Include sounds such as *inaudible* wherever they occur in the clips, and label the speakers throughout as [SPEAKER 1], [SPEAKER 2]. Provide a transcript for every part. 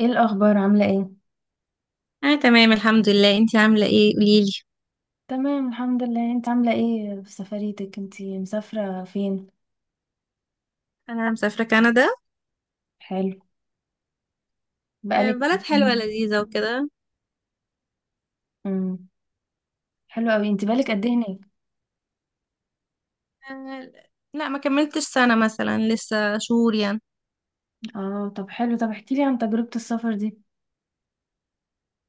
[SPEAKER 1] ايه الاخبار؟ عامله ايه؟
[SPEAKER 2] انا تمام، الحمد لله. انتي عامله ايه؟ قوليلي.
[SPEAKER 1] تمام الحمد لله. انت عامله ايه في سفريتك؟ انت مسافره فين؟
[SPEAKER 2] انا مسافره كندا.
[SPEAKER 1] حلو.
[SPEAKER 2] آه،
[SPEAKER 1] بقالك...
[SPEAKER 2] بلد حلوه لذيذه وكده.
[SPEAKER 1] امم حلو قوي. انت بقالك قد ايه هناك؟
[SPEAKER 2] آه، لا ما كملتش سنه مثلا، لسه شهور يعني.
[SPEAKER 1] اه، طب حلو. طب احكي لي عن تجربه السفر دي.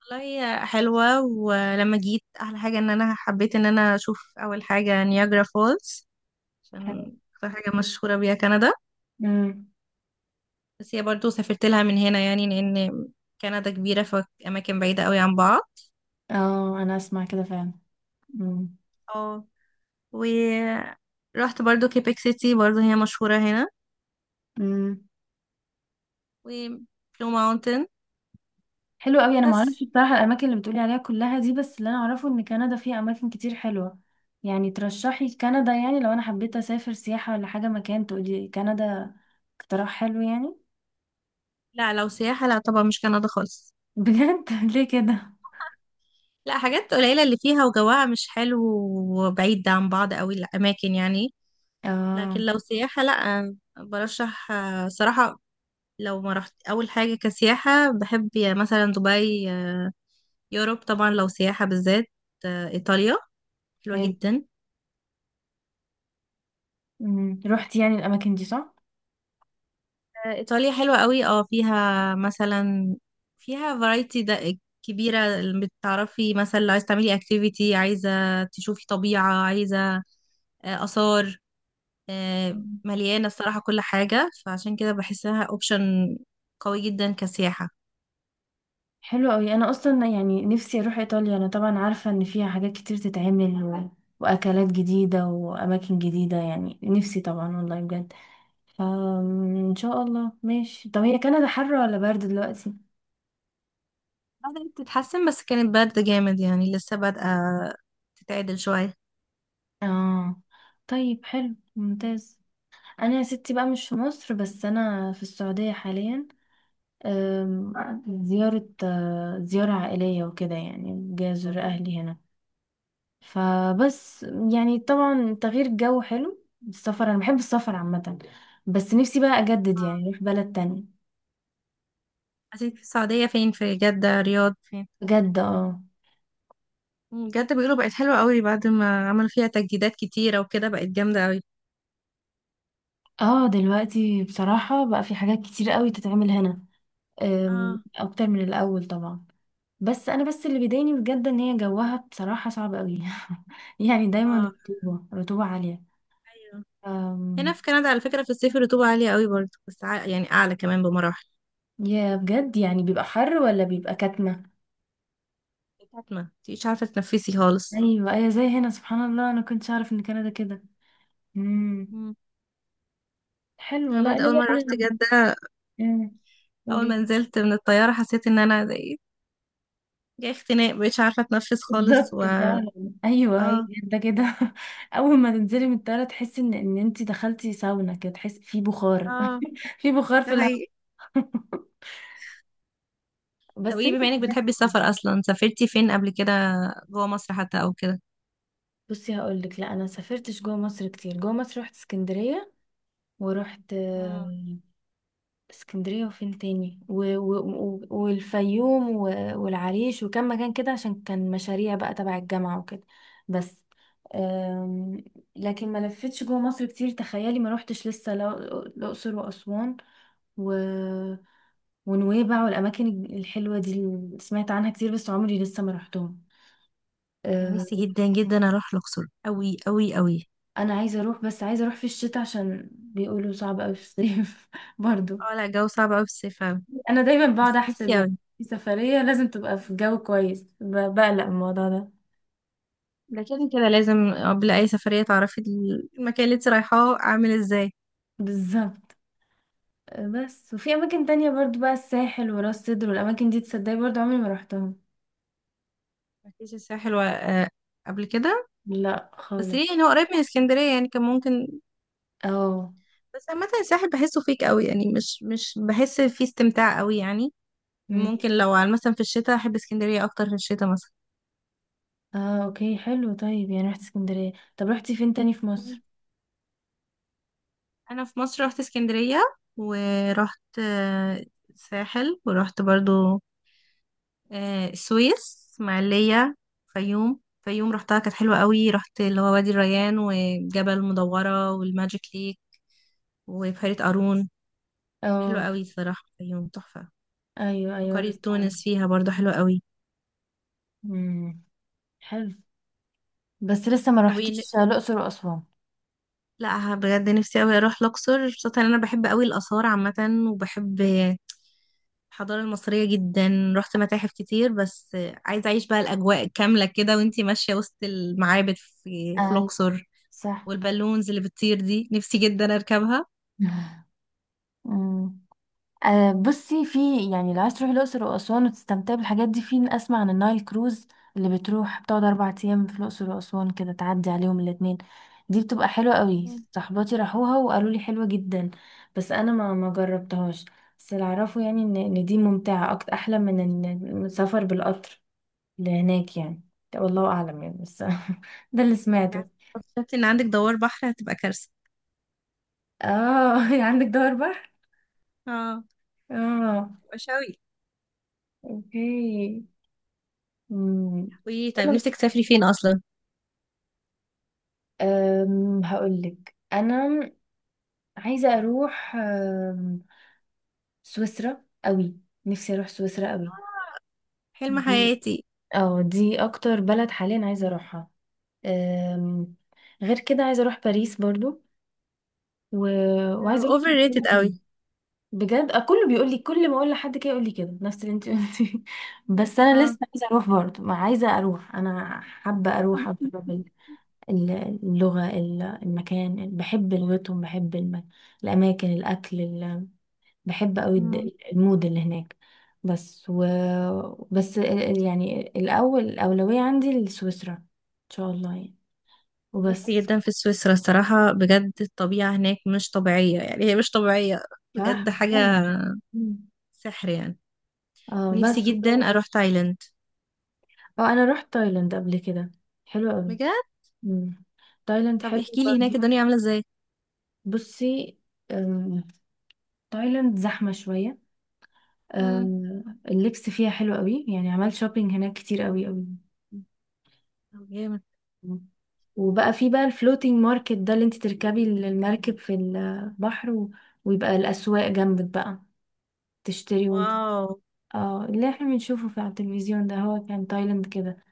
[SPEAKER 2] والله هي حلوه، ولما جيت احلى حاجه ان انا حبيت ان انا اشوف اول حاجه نياجرا فولز.
[SPEAKER 1] حلو.
[SPEAKER 2] عشان اكتر حاجه مشهوره بيها كندا.
[SPEAKER 1] امم
[SPEAKER 2] بس هي برضو سافرت لها من هنا يعني، لان كندا كبيره، فاماكن بعيده قوي عن بعض.
[SPEAKER 1] اه، انا اسمع كده فعلا. امم
[SPEAKER 2] اه، ورحت برضو كيبك سيتي، برضو هي مشهوره هنا.
[SPEAKER 1] امم
[SPEAKER 2] وبلو ماونتن.
[SPEAKER 1] حلو قوي. انا ما
[SPEAKER 2] بس.
[SPEAKER 1] اعرفش بصراحه الاماكن اللي بتقولي عليها كلها دي، بس اللي انا اعرفه ان كندا فيها اماكن كتير حلوه. يعني ترشحي كندا؟ يعني لو انا حبيت اسافر سياحه ولا حاجه، مكان تقولي كندا؟ اقتراح حلو يعني.
[SPEAKER 2] لا، لو سياحة لا طبعا، مش كندا خالص.
[SPEAKER 1] بجد؟ *laughs* ليه كده؟
[SPEAKER 2] لا، حاجات قليلة اللي فيها، وجوها مش حلو. وبعيد عن بعض قوي الأماكن يعني.
[SPEAKER 1] اه،
[SPEAKER 2] لكن لو سياحة، لا برشح صراحة. لو ما رحت أول حاجة كسياحة بحب يا مثلا دبي. يوروب طبعا لو سياحة بالذات. إيطاليا حلوة
[SPEAKER 1] حلو.
[SPEAKER 2] جدا.
[SPEAKER 1] مم. روحتي يعني الاماكن دي، صح؟
[SPEAKER 2] آه، إيطاليا حلوة قوي. اه فيها مثلا فيها فرايتي ده كبيرة. بتعرفي مثلا لو عايزة تعملي اكتيفيتي، عايزة تشوفي طبيعة، عايزة آثار.
[SPEAKER 1] مم.
[SPEAKER 2] مليانة الصراحة كل حاجة، فعشان كده بحسها اوبشن قوي جدا كسياحة.
[SPEAKER 1] حلو قوي. انا اصلا يعني نفسي اروح ايطاليا. انا طبعا عارفه ان فيها حاجات كتير تتعمل واكلات جديده واماكن جديده. يعني نفسي طبعا والله بجد. فان شاء الله ماشي. طب هي كندا حر ولا برد دلوقتي؟
[SPEAKER 2] بدأت تتحسن، بس كانت بارده جامد يعني، لسه بادئة تتعدل شوية.
[SPEAKER 1] اه، طيب حلو ممتاز. انا يا ستي بقى مش في مصر، بس انا في السعوديه حاليا. أم، زيارة، زيارة عائلية وكده يعني، جاي أزور أهلي هنا، فبس. يعني طبعا تغيير الجو حلو. السفر أنا بحب السفر عامة، بس نفسي بقى أجدد يعني أروح بلد تانية.
[SPEAKER 2] عايزين في السعودية فين؟ في جدة؟ رياض؟ فين؟
[SPEAKER 1] بجد اه.
[SPEAKER 2] جدة بيقولوا بقت حلوة قوي بعد ما عملوا فيها تجديدات كتيرة وكده، بقت جامدة قوي.
[SPEAKER 1] اه، دلوقتي بصراحة بقى في حاجات كتير قوي تتعمل هنا،
[SPEAKER 2] اه.
[SPEAKER 1] أكتر من الأول طبعا. بس أنا بس اللي بيضايقني بجد إن هي جوها بصراحة صعب قوي. *laughs* يعني دايما
[SPEAKER 2] اه.
[SPEAKER 1] رطوبة، رطوبة عالية.
[SPEAKER 2] ايوه. هنا في كندا على فكرة، في الصيف الرطوبة عالية قوي برضه، بس يعني أعلى كمان بمراحل.
[SPEAKER 1] يا بجد يعني بيبقى حر ولا بيبقى كتمة؟
[SPEAKER 2] كاتمة، متبقيش عارفة تتنفسي خالص.
[SPEAKER 1] ايوه، ايوه زي هنا، سبحان الله. انا كنتش اعرف ان كندا كده. امم
[SPEAKER 2] مم.
[SPEAKER 1] حلو.
[SPEAKER 2] أنا
[SPEAKER 1] لا
[SPEAKER 2] برضه
[SPEAKER 1] انا
[SPEAKER 2] أول مرة
[SPEAKER 1] بقى
[SPEAKER 2] رحت جدة.
[SPEAKER 1] أمم.
[SPEAKER 2] اول
[SPEAKER 1] قولي.
[SPEAKER 2] ما نزلت من الطياره حسيت ان انا زي جاي اختناق، مش عارفه اتنفس خالص
[SPEAKER 1] بالظبط
[SPEAKER 2] و.
[SPEAKER 1] *laughs* فعلا، ايوه هي
[SPEAKER 2] اه.
[SPEAKER 1] ده كده. *laughs* اول ما تنزلي من الطياره تحسي ان انت دخلتي ساونا كده، تحسي في بخار.
[SPEAKER 2] اه.
[SPEAKER 1] *laughs* في بخار
[SPEAKER 2] ده
[SPEAKER 1] في الهواء.
[SPEAKER 2] حقيقي.
[SPEAKER 1] *laughs*
[SPEAKER 2] طب
[SPEAKER 1] بس
[SPEAKER 2] ايه،
[SPEAKER 1] هي...
[SPEAKER 2] بما انك بتحبي السفر اصلا، سافرتي فين قبل كده؟ جوه مصر حتى او كده؟
[SPEAKER 1] بصي هقول لك، لا انا سافرتش جوه مصر كتير. جوه مصر رحت اسكندريه، ورحت
[SPEAKER 2] مم.
[SPEAKER 1] اسكندرية، وفين تاني، والفيوم والعريش، وكم مكان كده عشان كان مشاريع بقى تبع الجامعة وكده، بس. أم... لكن ما لفتش جوه مصر كتير. تخيلي ما روحتش لسه الأقصر وأسوان و... ونويبع والأماكن الحلوة دي اللي سمعت عنها كتير، بس عمري لسه ما روحتهم.
[SPEAKER 2] انا
[SPEAKER 1] أه،
[SPEAKER 2] نفسي جدا جدا اروح الاقصر قوي قوي قوي.
[SPEAKER 1] أنا عايزة أروح، بس عايزة أروح في الشتاء عشان بيقولوا صعب أوي في الصيف *laughs* برضو.
[SPEAKER 2] اه لا، الجو صعب قوي في الصيف أوي.
[SPEAKER 1] انا دايما بقعد
[SPEAKER 2] بس
[SPEAKER 1] احسب
[SPEAKER 2] نفسي
[SPEAKER 1] يعني
[SPEAKER 2] قوي.
[SPEAKER 1] في سفرية لازم تبقى في جو كويس، بقلق من الموضوع ده.
[SPEAKER 2] لكن كده لازم قبل اي سفريه تعرفي المكان اللي انت رايحاه عامل ازاي.
[SPEAKER 1] بالظبط. بس وفي اماكن تانية برضو بقى، الساحل وراس سدر والاماكن دي، تصدقي برضو عمري ما رحتهم.
[SPEAKER 2] مفيش الساحل و قبل كده؟
[SPEAKER 1] لا
[SPEAKER 2] بس
[SPEAKER 1] خالص.
[SPEAKER 2] ليه يعني؟ هو قريب من اسكندريه يعني، كان ممكن.
[SPEAKER 1] اه.
[SPEAKER 2] بس عامة الساحل بحسه فيك قوي يعني، مش بحس فيه استمتاع قوي يعني.
[SPEAKER 1] مم.
[SPEAKER 2] ممكن لو على مثلا في الشتاء احب اسكندرية اكتر في الشتاء مثلا.
[SPEAKER 1] اه اوكي حلو. طيب يعني رحت اسكندرية، طب رحتي فين تاني في
[SPEAKER 2] مم.
[SPEAKER 1] مصر؟
[SPEAKER 2] انا في مصر رحت اسكندرية، ورحت الساحل، ورحت برضو السويس، اسماعيلية. فيوم فيوم رحتها كانت حلوة قوي. رحت اللي هو وادي الريان وجبل مدورة والماجيك ليك وبحيرة قارون. حلوة
[SPEAKER 1] اه،
[SPEAKER 2] قوي صراحة، فيوم تحفة.
[SPEAKER 1] ايوه ايوه، انا
[SPEAKER 2] وقرية
[SPEAKER 1] سمعت.
[SPEAKER 2] تونس فيها برضو حلوة قوي.
[SPEAKER 1] امم. حلو. بس لسه ما
[SPEAKER 2] طب.
[SPEAKER 1] رحتيش الاقصر واسوان.
[SPEAKER 2] لا بجد نفسي قوي اروح الاقصر، خصوصا ان انا بحب قوي الاثار عامه. وبحب الحضاره المصريه جدا، رحت متاحف كتير. بس عايزه اعيش بقى الاجواء كامله كده وانتي ماشيه وسط المعابد في
[SPEAKER 1] ايوه،
[SPEAKER 2] الاقصر.
[SPEAKER 1] صح.
[SPEAKER 2] والبالونز اللي بتطير دي نفسي جدا اركبها.
[SPEAKER 1] *laughs* مم. بصي في يعني لو عايز تروحي الأقصر وأسوان وتستمتعي بالحاجات دي، في أسمع عن النايل كروز، اللي بتروح بتقعد أربع أيام في الأقصر وأسوان، كده تعدي عليهم الاتنين. دي بتبقى حلوة قوي.
[SPEAKER 2] مم.
[SPEAKER 1] صحباتي راحوها وقالوا لي حلوة جدا، بس أنا ما جربتهاش. بس اللي أعرفه يعني إن دي ممتعة أكتر، أحلى من السفر بالقطر لهناك يعني. ده والله أعلم يعني، بس *laughs* ده اللي سمعته.
[SPEAKER 2] شفت ان عندك دوار بحر، هتبقى كارثه.
[SPEAKER 1] اه *laughs* عندك دور بحر.
[SPEAKER 2] اه.
[SPEAKER 1] اه
[SPEAKER 2] تبقى شوي.
[SPEAKER 1] اوكي. مم.
[SPEAKER 2] قولي، طيب نفسك تسافري فين اصلا؟
[SPEAKER 1] أم، هقولك انا عايزه اروح، سويسرا قوي. نفسي اروح سويسرا قوي
[SPEAKER 2] حلم
[SPEAKER 1] دي.
[SPEAKER 2] حياتي.
[SPEAKER 1] اه، دي اكتر بلد حاليا عايزه اروحها. أم، غير كده عايزه اروح باريس برضو و... وعايزه اروح
[SPEAKER 2] اوفر ريتد
[SPEAKER 1] تركيا تاني.
[SPEAKER 2] قوي.
[SPEAKER 1] بجد كله بيقول لي، كل ما اقول لحد كده يقول لي كده، نفس اللي انت قلتيه. *laughs* بس انا لسه عايزه اروح برضو. ما عايزه اروح، انا حابه اروح أجرب ال- اللغة، المكان. بحب لغتهم، بحب الأماكن، الأكل، بحب أوي
[SPEAKER 2] اه.
[SPEAKER 1] المود اللي هناك. بس و... بس يعني الأول الأولوية عندي لسويسرا، إن شاء الله يعني.
[SPEAKER 2] مت
[SPEAKER 1] وبس.
[SPEAKER 2] جدا في سويسرا الصراحة بجد، الطبيعة هناك مش طبيعية يعني، هي مش طبيعية
[SPEAKER 1] صح.
[SPEAKER 2] بجد، حاجة
[SPEAKER 1] مم.
[SPEAKER 2] سحر يعني.
[SPEAKER 1] اه بس
[SPEAKER 2] ونفسي جدا أروح تايلاند.
[SPEAKER 1] اه، أنا رحت تايلاند قبل كده. حلو أوي.
[SPEAKER 2] بجد.
[SPEAKER 1] مم. تايلاند
[SPEAKER 2] طب
[SPEAKER 1] حلو
[SPEAKER 2] احكي لي هناك
[SPEAKER 1] برضه.
[SPEAKER 2] الدنيا عاملة ازاي.
[SPEAKER 1] بصي، أم، تايلاند زحمة شوية.
[SPEAKER 2] مم.
[SPEAKER 1] آه، اللبس فيها حلو قوي. يعني عملت شوبينج هناك كتير قوي قوي.
[SPEAKER 2] طب جامد.
[SPEAKER 1] وبقى في بقى الفلوتينج ماركت ده، اللي انت تركبي المركب في البحر، و... ويبقى الأسواق جنبك بقى تشتري وانت...
[SPEAKER 2] واو
[SPEAKER 1] اه، اللي احنا بنشوفه في على التلفزيون ده، هو كان تايلاند كده.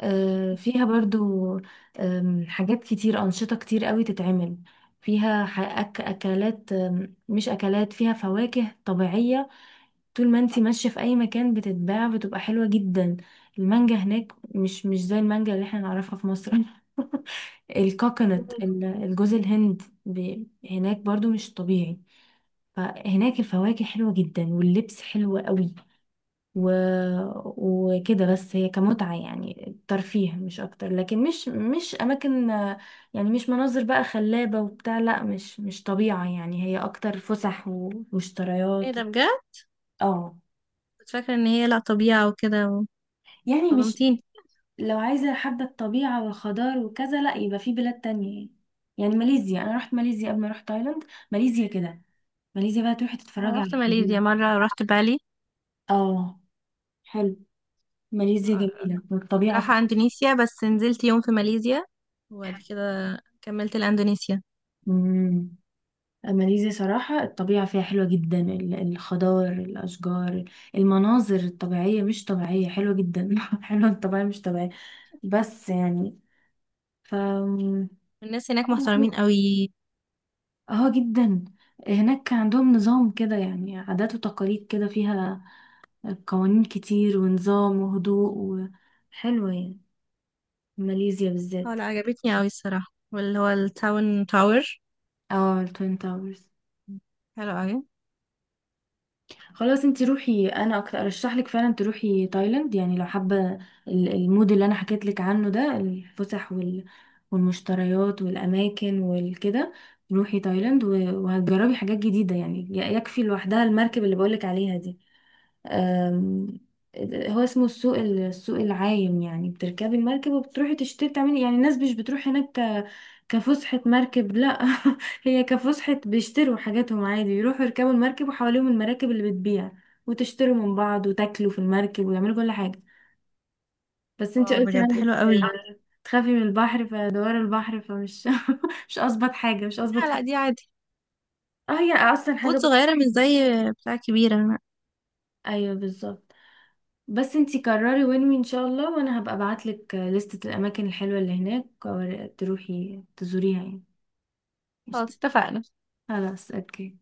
[SPEAKER 1] آه، فيها برضو حاجات كتير، أنشطة كتير قوي تتعمل فيها. أكلات، مش أكلات، فيها فواكه طبيعية طول ما انتي ماشية في اي مكان بتتباع، بتبقى حلوة جدا. المانجا هناك مش زي المانجا اللي احنا نعرفها في مصر. *laughs* الكوكونات،
[SPEAKER 2] *laughs*
[SPEAKER 1] الجوز الهند هناك برضو مش طبيعي. فهناك الفواكه حلوة جدا، واللبس حلو قوي و... وكده. بس هي كمتعة يعني، ترفيه مش اكتر. لكن مش اماكن يعني، مش مناظر بقى خلابة وبتاع، لا. مش طبيعة يعني، هي اكتر فسح
[SPEAKER 2] ايه
[SPEAKER 1] ومشتريات.
[SPEAKER 2] ده بجد!
[SPEAKER 1] اه،
[SPEAKER 2] كنت فاكرة ان هي لا طبيعة وكده.
[SPEAKER 1] يعني
[SPEAKER 2] صدمتيني.
[SPEAKER 1] لو عايزة حابة الطبيعة والخضار وكذا، لا، يبقى في بلاد تانية يعني. يعني ماليزيا، أنا رحت ماليزيا قبل ما أروح تايلاند. ماليزيا كده، ماليزيا بقى تروحي
[SPEAKER 2] أنا
[SPEAKER 1] تتفرجي على
[SPEAKER 2] رحت
[SPEAKER 1] الخضار.
[SPEAKER 2] ماليزيا مرة، رحت بالي.
[SPEAKER 1] اه، حلو. ماليزيا
[SPEAKER 2] آه،
[SPEAKER 1] جميلة
[SPEAKER 2] كنت
[SPEAKER 1] والطبيعة
[SPEAKER 2] رايحة
[SPEAKER 1] فيها
[SPEAKER 2] اندونيسيا بس نزلت يوم في ماليزيا، وبعد
[SPEAKER 1] حلوة.
[SPEAKER 2] كده كملت لاندونيسيا.
[SPEAKER 1] مم. ماليزيا صراحة الطبيعة فيها حلوة جدا، الخضار، الأشجار، المناظر الطبيعية مش طبيعية، حلوة جدا. *laughs* حلوة، الطبيعية مش طبيعية. بس يعني ف...
[SPEAKER 2] الناس هناك محترمين قوي.
[SPEAKER 1] اه جدا. هناك كان عندهم نظام كده يعني، عادات وتقاليد كده فيها، قوانين كتير ونظام وهدوء. وحلوة يعني، ماليزيا
[SPEAKER 2] هو
[SPEAKER 1] بالذات.
[SPEAKER 2] لا عجبتني قوي الصراحة، واللي هو التاون تاور،
[SPEAKER 1] اه، التوين تاورز.
[SPEAKER 2] حلو قوي.
[SPEAKER 1] خلاص، انتي روحي. انا أكتر ارشح لك فعلا تروحي تايلاند، يعني لو حابة المود اللي انا حكيت لك عنه ده، الفسح والمشتريات والاماكن والكده. روحي تايلاند وهتجربي حاجات جديدة يعني. يكفي لوحدها المركب اللي بقولك عليها دي. أم، هو اسمه السوق السوق العايم يعني، بتركبي المركب وبتروحي تشتري تعملي يعني. الناس مش بتروح هناك كفسحة مركب، لا. *laughs* هي كفسحة، بيشتروا حاجاتهم عادي. يروحوا يركبوا المركب، وحواليهم المراكب اللي بتبيع، وتشتروا من بعض وتاكلوا في المركب ويعملوا كل حاجة. بس انتي
[SPEAKER 2] واو
[SPEAKER 1] قلتي
[SPEAKER 2] بجد
[SPEAKER 1] عندك
[SPEAKER 2] حلو قوي.
[SPEAKER 1] تخافي من البحر، فدوار البحر فمش... *laughs* مش اظبط حاجة، مش اظبط
[SPEAKER 2] لا لا،
[SPEAKER 1] فكرة.
[SPEAKER 2] دي عادي.
[SPEAKER 1] اه، هي اصلا حاجة
[SPEAKER 2] بوت
[SPEAKER 1] ب...
[SPEAKER 2] صغيرة، مش زي بتاع كبيرة، لا.
[SPEAKER 1] ايوه، بالظبط. بس انتي قرري وين ان شاء الله، وانا هبقى ابعتلك لستة الاماكن الحلوة اللي هناك تروحي تزوريها يعني. قشطة.
[SPEAKER 2] خلاص اتفقنا.
[SPEAKER 1] خلاص اوكي.